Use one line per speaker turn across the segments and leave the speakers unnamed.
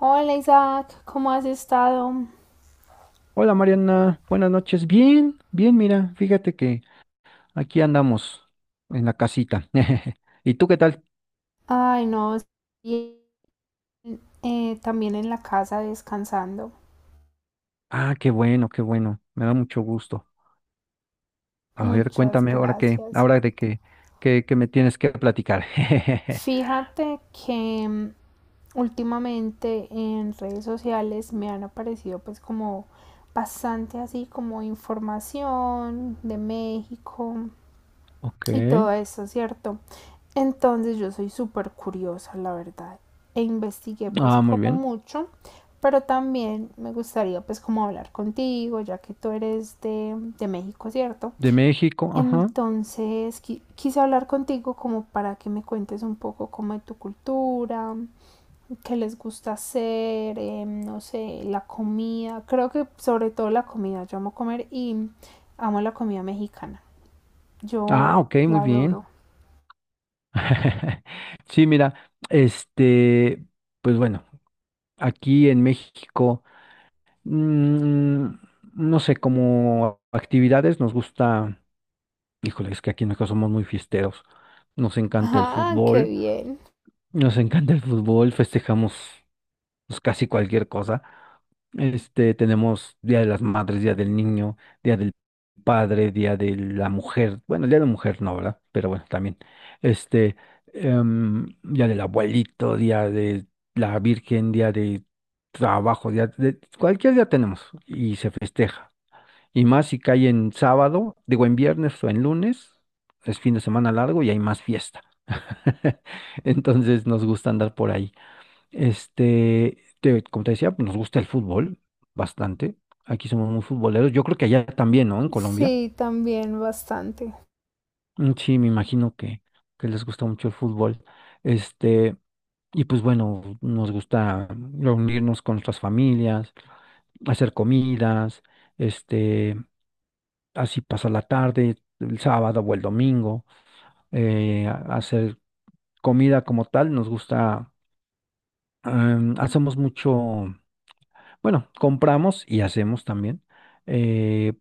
Hola Isaac, ¿cómo has estado?
Hola Mariana, buenas noches. Bien, bien, mira, fíjate que aquí andamos en la casita. ¿Y tú qué tal?
Ay, no, bien, también en la casa descansando.
Ah, qué bueno, qué bueno. Me da mucho gusto. A ver,
Muchas
cuéntame ahora qué,
gracias.
ahora de qué, qué me tienes que platicar.
Fíjate que últimamente en redes sociales me han aparecido pues como bastante así como información de México
Ok.
y todo eso, ¿cierto? Entonces yo soy súper curiosa, la verdad. E investigué pues
Ah, muy
como
bien.
mucho, pero también me gustaría pues como hablar contigo, ya que tú eres de México, ¿cierto?
De México, ajá.
Entonces quise hablar contigo como para que me cuentes un poco como de tu cultura, qué les gusta hacer, no sé, la comida. Creo que sobre todo la comida, yo amo comer y amo la comida mexicana.
Ah,
Yo
ok, muy
la
bien.
adoro.
Sí, mira, este, pues bueno, aquí en México, mm, no sé, como actividades nos gusta. Híjole, es que aquí en casa somos muy fiesteros. Nos encanta el
Ah, qué
fútbol,
bien.
nos encanta el fútbol, festejamos pues, casi cualquier cosa. Este, tenemos Día de las Madres, Día del Niño, Día del Padre, Día de la Mujer. Bueno, Día de la Mujer no, ¿verdad? Pero bueno, también. Este, Día del Abuelito, Día de la Virgen, Día de Trabajo, Día de cualquier día tenemos y se festeja. Y más si cae en sábado, digo en viernes o en lunes, es fin de semana largo y hay más fiesta. Entonces nos gusta andar por ahí. Este, como te decía, pues, nos gusta el fútbol bastante. Aquí somos muy futboleros. Yo creo que allá también, ¿no? En Colombia.
Sí, también bastante.
Mm, sí, me imagino que les gusta mucho el fútbol. Este, y pues bueno, nos gusta reunirnos con nuestras familias, hacer comidas, este. Así pasa la tarde, el sábado o el domingo, hacer comida como tal, nos gusta, hacemos mucho, bueno, compramos y hacemos también, eh,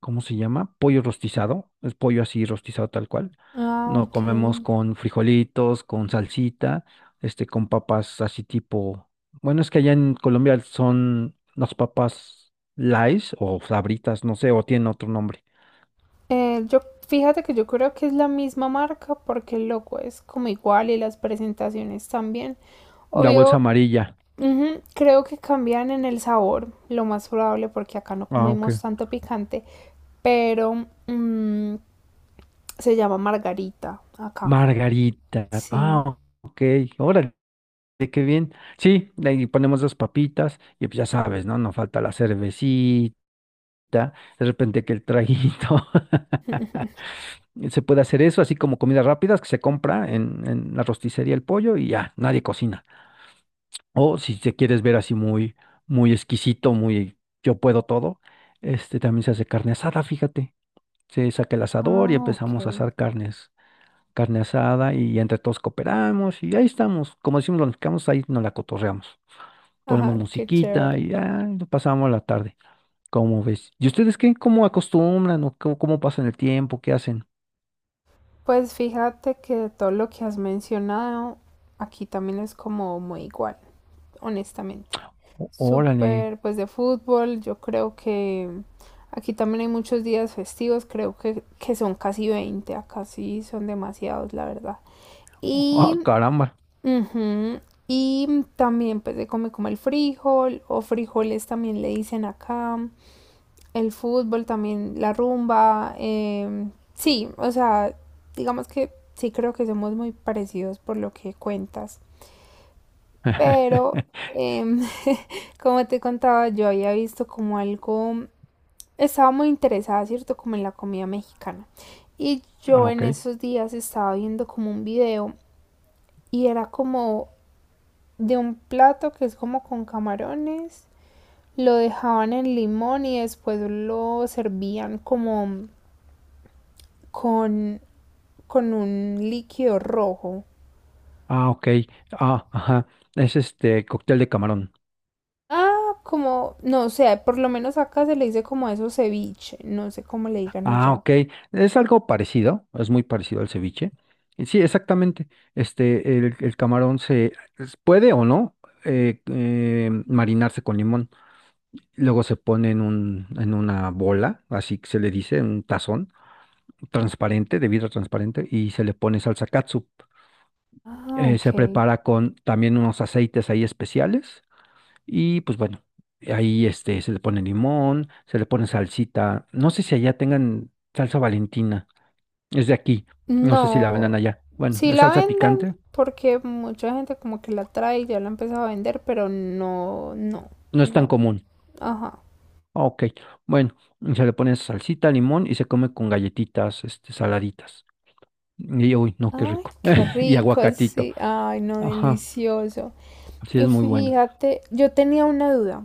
¿cómo se llama? Pollo rostizado, es pollo así rostizado tal cual,
Ah,
no
ok.
comemos con frijolitos, con salsita, este, con papas así tipo, bueno, es que allá en Colombia son las papas Lays o Sabritas, no sé, o tienen otro nombre.
Eh, yo, fíjate que yo creo que es la misma marca porque el logo es como igual y las presentaciones también.
La bolsa
Obvio,
amarilla.
ujú, creo que cambian en el sabor, lo más probable porque acá no
Ah,
comemos
ok.
tanto picante, pero mm, se llama margarita acá.
Margarita.
Sí.
Ah, ok. Órale, qué bien. Sí, de ahí ponemos dos papitas y pues ya sabes, ¿no? No falta la cervecita, de repente que el traguito. Se puede hacer eso, así como comidas rápidas que se compra en la rosticería el pollo y ya, nadie cocina. O si te quieres ver así muy, muy exquisito, muy yo puedo todo, este también se hace carne asada, fíjate. Se saca el asador y
Ah, ok.
empezamos a asar carnes. Carne asada y entre todos cooperamos y ahí estamos. Como decimos los mexicanos, ahí nos la cotorreamos. Ponemos
Ajá, qué
musiquita
chévere.
y ya pasamos la tarde. ¿Cómo ves? ¿Y ustedes qué? ¿Cómo acostumbran o cómo, cómo pasan el tiempo? ¿Qué hacen?
Pues fíjate que todo lo que has mencionado, aquí también es como muy igual, honestamente.
Órale.
Súper, pues de fútbol, yo creo que aquí también hay muchos días festivos, creo que son casi 20. Acá sí son demasiados, la verdad. Y,
Ah, caramba.
ujú, y también pues se come como el frijol o frijoles también le dicen acá, el fútbol también, la rumba, em, sí, o sea, digamos que sí creo que somos muy parecidos por lo que cuentas, pero... Como te contaba, yo había visto como algo, estaba muy interesada, ¿cierto? Como en la comida mexicana. Y
Ah,
yo
ok.
en esos días estaba viendo como un video y era como de un plato que es como con camarones, lo dejaban en limón y después lo servían como con, con un líquido rojo.
Ah, ok. Ah, ajá. Es este cóctel de camarón.
Ah, como, no sé, por lo menos acá se le dice como eso ceviche, no sé cómo le digan
Ah,
allá.
ok. Es algo parecido, es muy parecido al ceviche. Y sí, exactamente. Este, el, el camarón puede o no marinarse con limón. Luego se pone en un, en una bola, así que se le dice, un tazón transparente, de vidrio transparente, y se le pone salsa catsup.
Ah, ok.
Se prepara con también unos aceites ahí especiales. Y pues bueno, ahí este, se le pone limón, se le pone salsita. No sé si allá tengan salsa Valentina. Es de aquí. No sé si la vendan
No,
allá. Bueno,
sí
es
la
salsa
venden
picante.
porque mucha gente como que la trae y ya la ha empezado a vender, pero no, no,
No es tan
no.
común.
Ajá.
Ah, ok. Bueno, y se le pone salsita, limón y se come con galletitas, este, saladitas. Y uy, no, qué
Ay,
rico.
qué
Y
rico,
aguacatito.
sí. Ay, no,
Ajá.
delicioso.
Así
Y
es muy bueno.
fíjate, yo tenía una duda.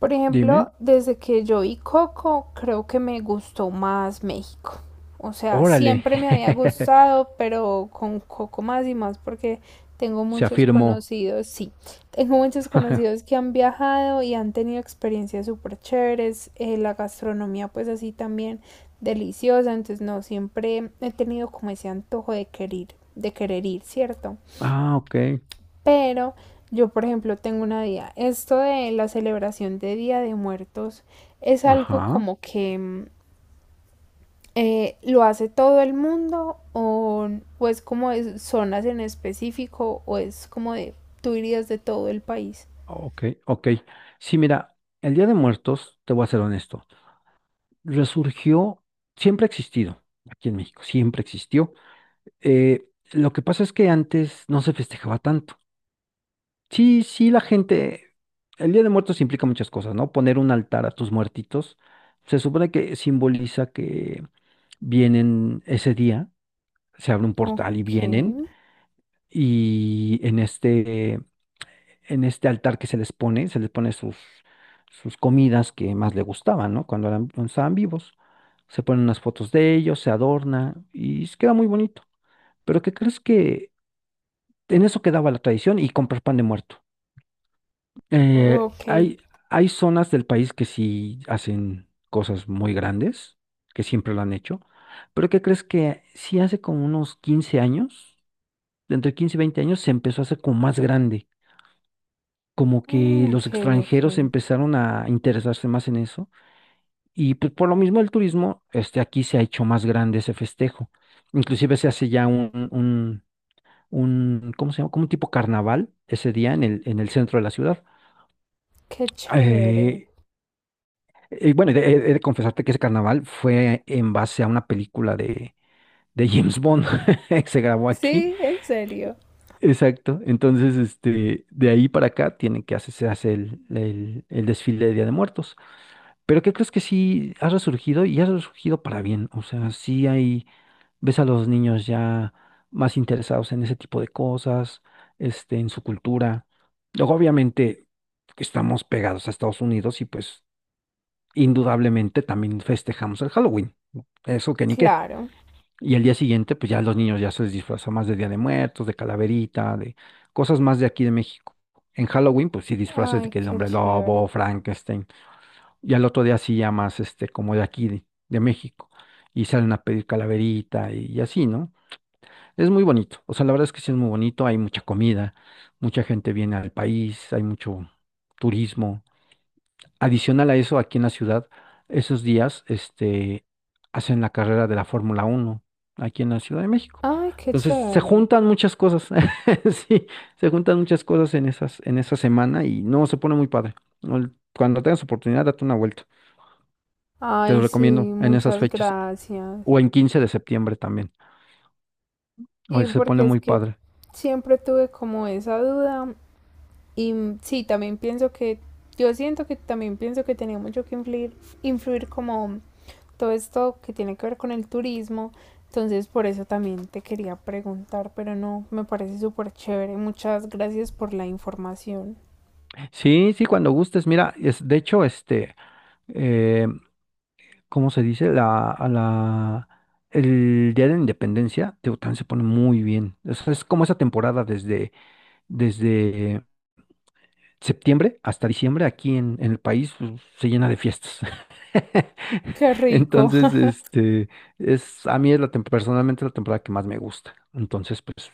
Por
Dime.
ejemplo, desde que yo vi Coco, creo que me gustó más México. O sea,
Órale.
siempre me había gustado, pero con Coco más y más porque tengo
Se
muchos
afirmó.
conocidos, sí, tengo muchos conocidos que han viajado y han tenido experiencias súper chéveres, la gastronomía pues así también deliciosa, entonces no, siempre he tenido como ese antojo de querer ir, ¿cierto?
Ah, ok.
Pero yo, por ejemplo, tengo una idea. Esto de la celebración de Día de Muertos es algo
Ajá.
como que lo hace todo el mundo o es como de zonas en específico o es como de tú irías de todo el país.
Ok, ok. Sí, mira, el Día de Muertos, te voy a ser honesto, resurgió, siempre ha existido aquí en México, siempre existió. Eh, lo que pasa es que antes no se festejaba tanto. Sí, sí, la gente, el Día de Muertos implica muchas cosas, ¿no? Poner un altar a tus muertitos, se supone que simboliza que vienen ese día, se abre un portal y
Ok,
vienen, y en este altar que se les pone sus, sus comidas que más le gustaban, ¿no? Cuando eran, cuando estaban vivos. Se ponen unas fotos de ellos, se adorna y queda muy bonito. Pero ¿qué crees que en eso quedaba la tradición y comprar pan de muerto? Eh,
ok.
hay, hay zonas del país que sí hacen cosas muy grandes, que siempre lo han hecho, pero ¿qué crees que sí hace como unos 15 años, entre 15 y 20 años, se empezó a hacer como más grande? Como que
Ah, ok,
los
ok.
extranjeros empezaron a interesarse más en eso y pues por lo mismo el turismo, este, aquí se ha hecho más grande ese festejo. Inclusive se hace ya un, ¿cómo se llama? Como un tipo carnaval ese día en el centro de la ciudad.
Qué chévere.
Eh, bueno, he de confesarte que ese carnaval fue en base a una película de James Bond que se grabó aquí.
Sí, en serio.
Exacto. Entonces, este, de ahí para acá tienen que hacerse hace el, el desfile de Día de Muertos. Pero ¿qué crees que sí ha resurgido y ha resurgido para bien? O sea, sí hay, ves a los niños ya más interesados en ese tipo de cosas, este, en su cultura. Luego, obviamente, estamos pegados a Estados Unidos y pues indudablemente también festejamos el Halloween, ¿no? Eso que ni qué.
Claro.
Y el día siguiente, pues ya los niños ya se disfrazan más de Día de Muertos, de calaverita, de cosas más de aquí de México. En Halloween, pues sí disfraces de
Ay,
que el
qué
hombre
chévere.
lobo, Frankenstein. Y al otro día sí ya más, este, como de aquí de México. Y salen a pedir calaverita y así, ¿no? Es muy bonito. O sea, la verdad es que sí es muy bonito. Hay mucha comida, mucha gente viene al país, hay mucho turismo. Adicional a eso, aquí en la ciudad, esos días, este, hacen la carrera de la Fórmula 1 aquí en la Ciudad de México.
Ay, qué
Entonces, se
chévere.
juntan muchas cosas, sí, se juntan muchas cosas en esas, en esa semana y no, se pone muy padre. No, cuando tengas oportunidad, date una vuelta. Te
Ay,
lo
sí,
recomiendo en esas
muchas
fechas
gracias.
o en 15 de septiembre también. Hoy
Sí,
se pone
porque es
muy
que
padre.
siempre tuve como esa duda y sí, también pienso que, yo siento que también pienso que tenía mucho que influir, influir como todo esto que tiene que ver con el turismo, entonces por eso también te quería preguntar, pero no, me parece súper chévere, muchas gracias por la información.
Sí, sí, cuando gustes. Mira, es, de hecho, este, eh, ¿cómo se dice? La, a la, el Día de la Independencia, Tehuacán se pone muy bien. Es como esa temporada desde, desde septiembre hasta diciembre aquí en el país pues, se llena de fiestas.
Qué rico.
Entonces, este, es, a mí es la, personalmente la temporada que más me gusta. Entonces, pues,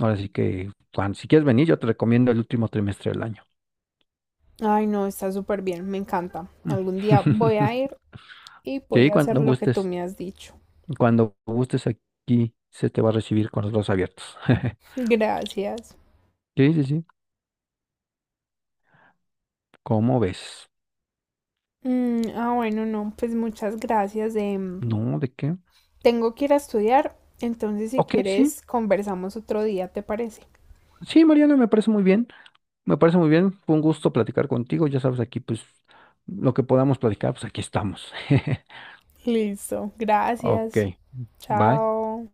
ahora sí que, Juan, si quieres venir, yo te recomiendo el último trimestre del año.
Ay, no, está súper bien, me encanta. Algún día voy
Mm.
a ir y voy
Sí,
a hacer lo que tú me has dicho.
cuando gustes aquí se te va a recibir con los brazos abiertos.
Gracias.
Sí, sí, sí. ¿Cómo ves?
Mm, ah, bueno, no, pues muchas gracias.
No, ¿de qué?
Tengo que ir a estudiar, entonces si
Ok, sí.
quieres conversamos otro día, ¿te parece?
Sí, Mariana, me parece muy bien. Me parece muy bien. Fue un gusto platicar contigo. Ya sabes, aquí, pues, lo que podamos platicar, pues aquí estamos.
Listo,
Ok.
gracias.
Bye.
Chao.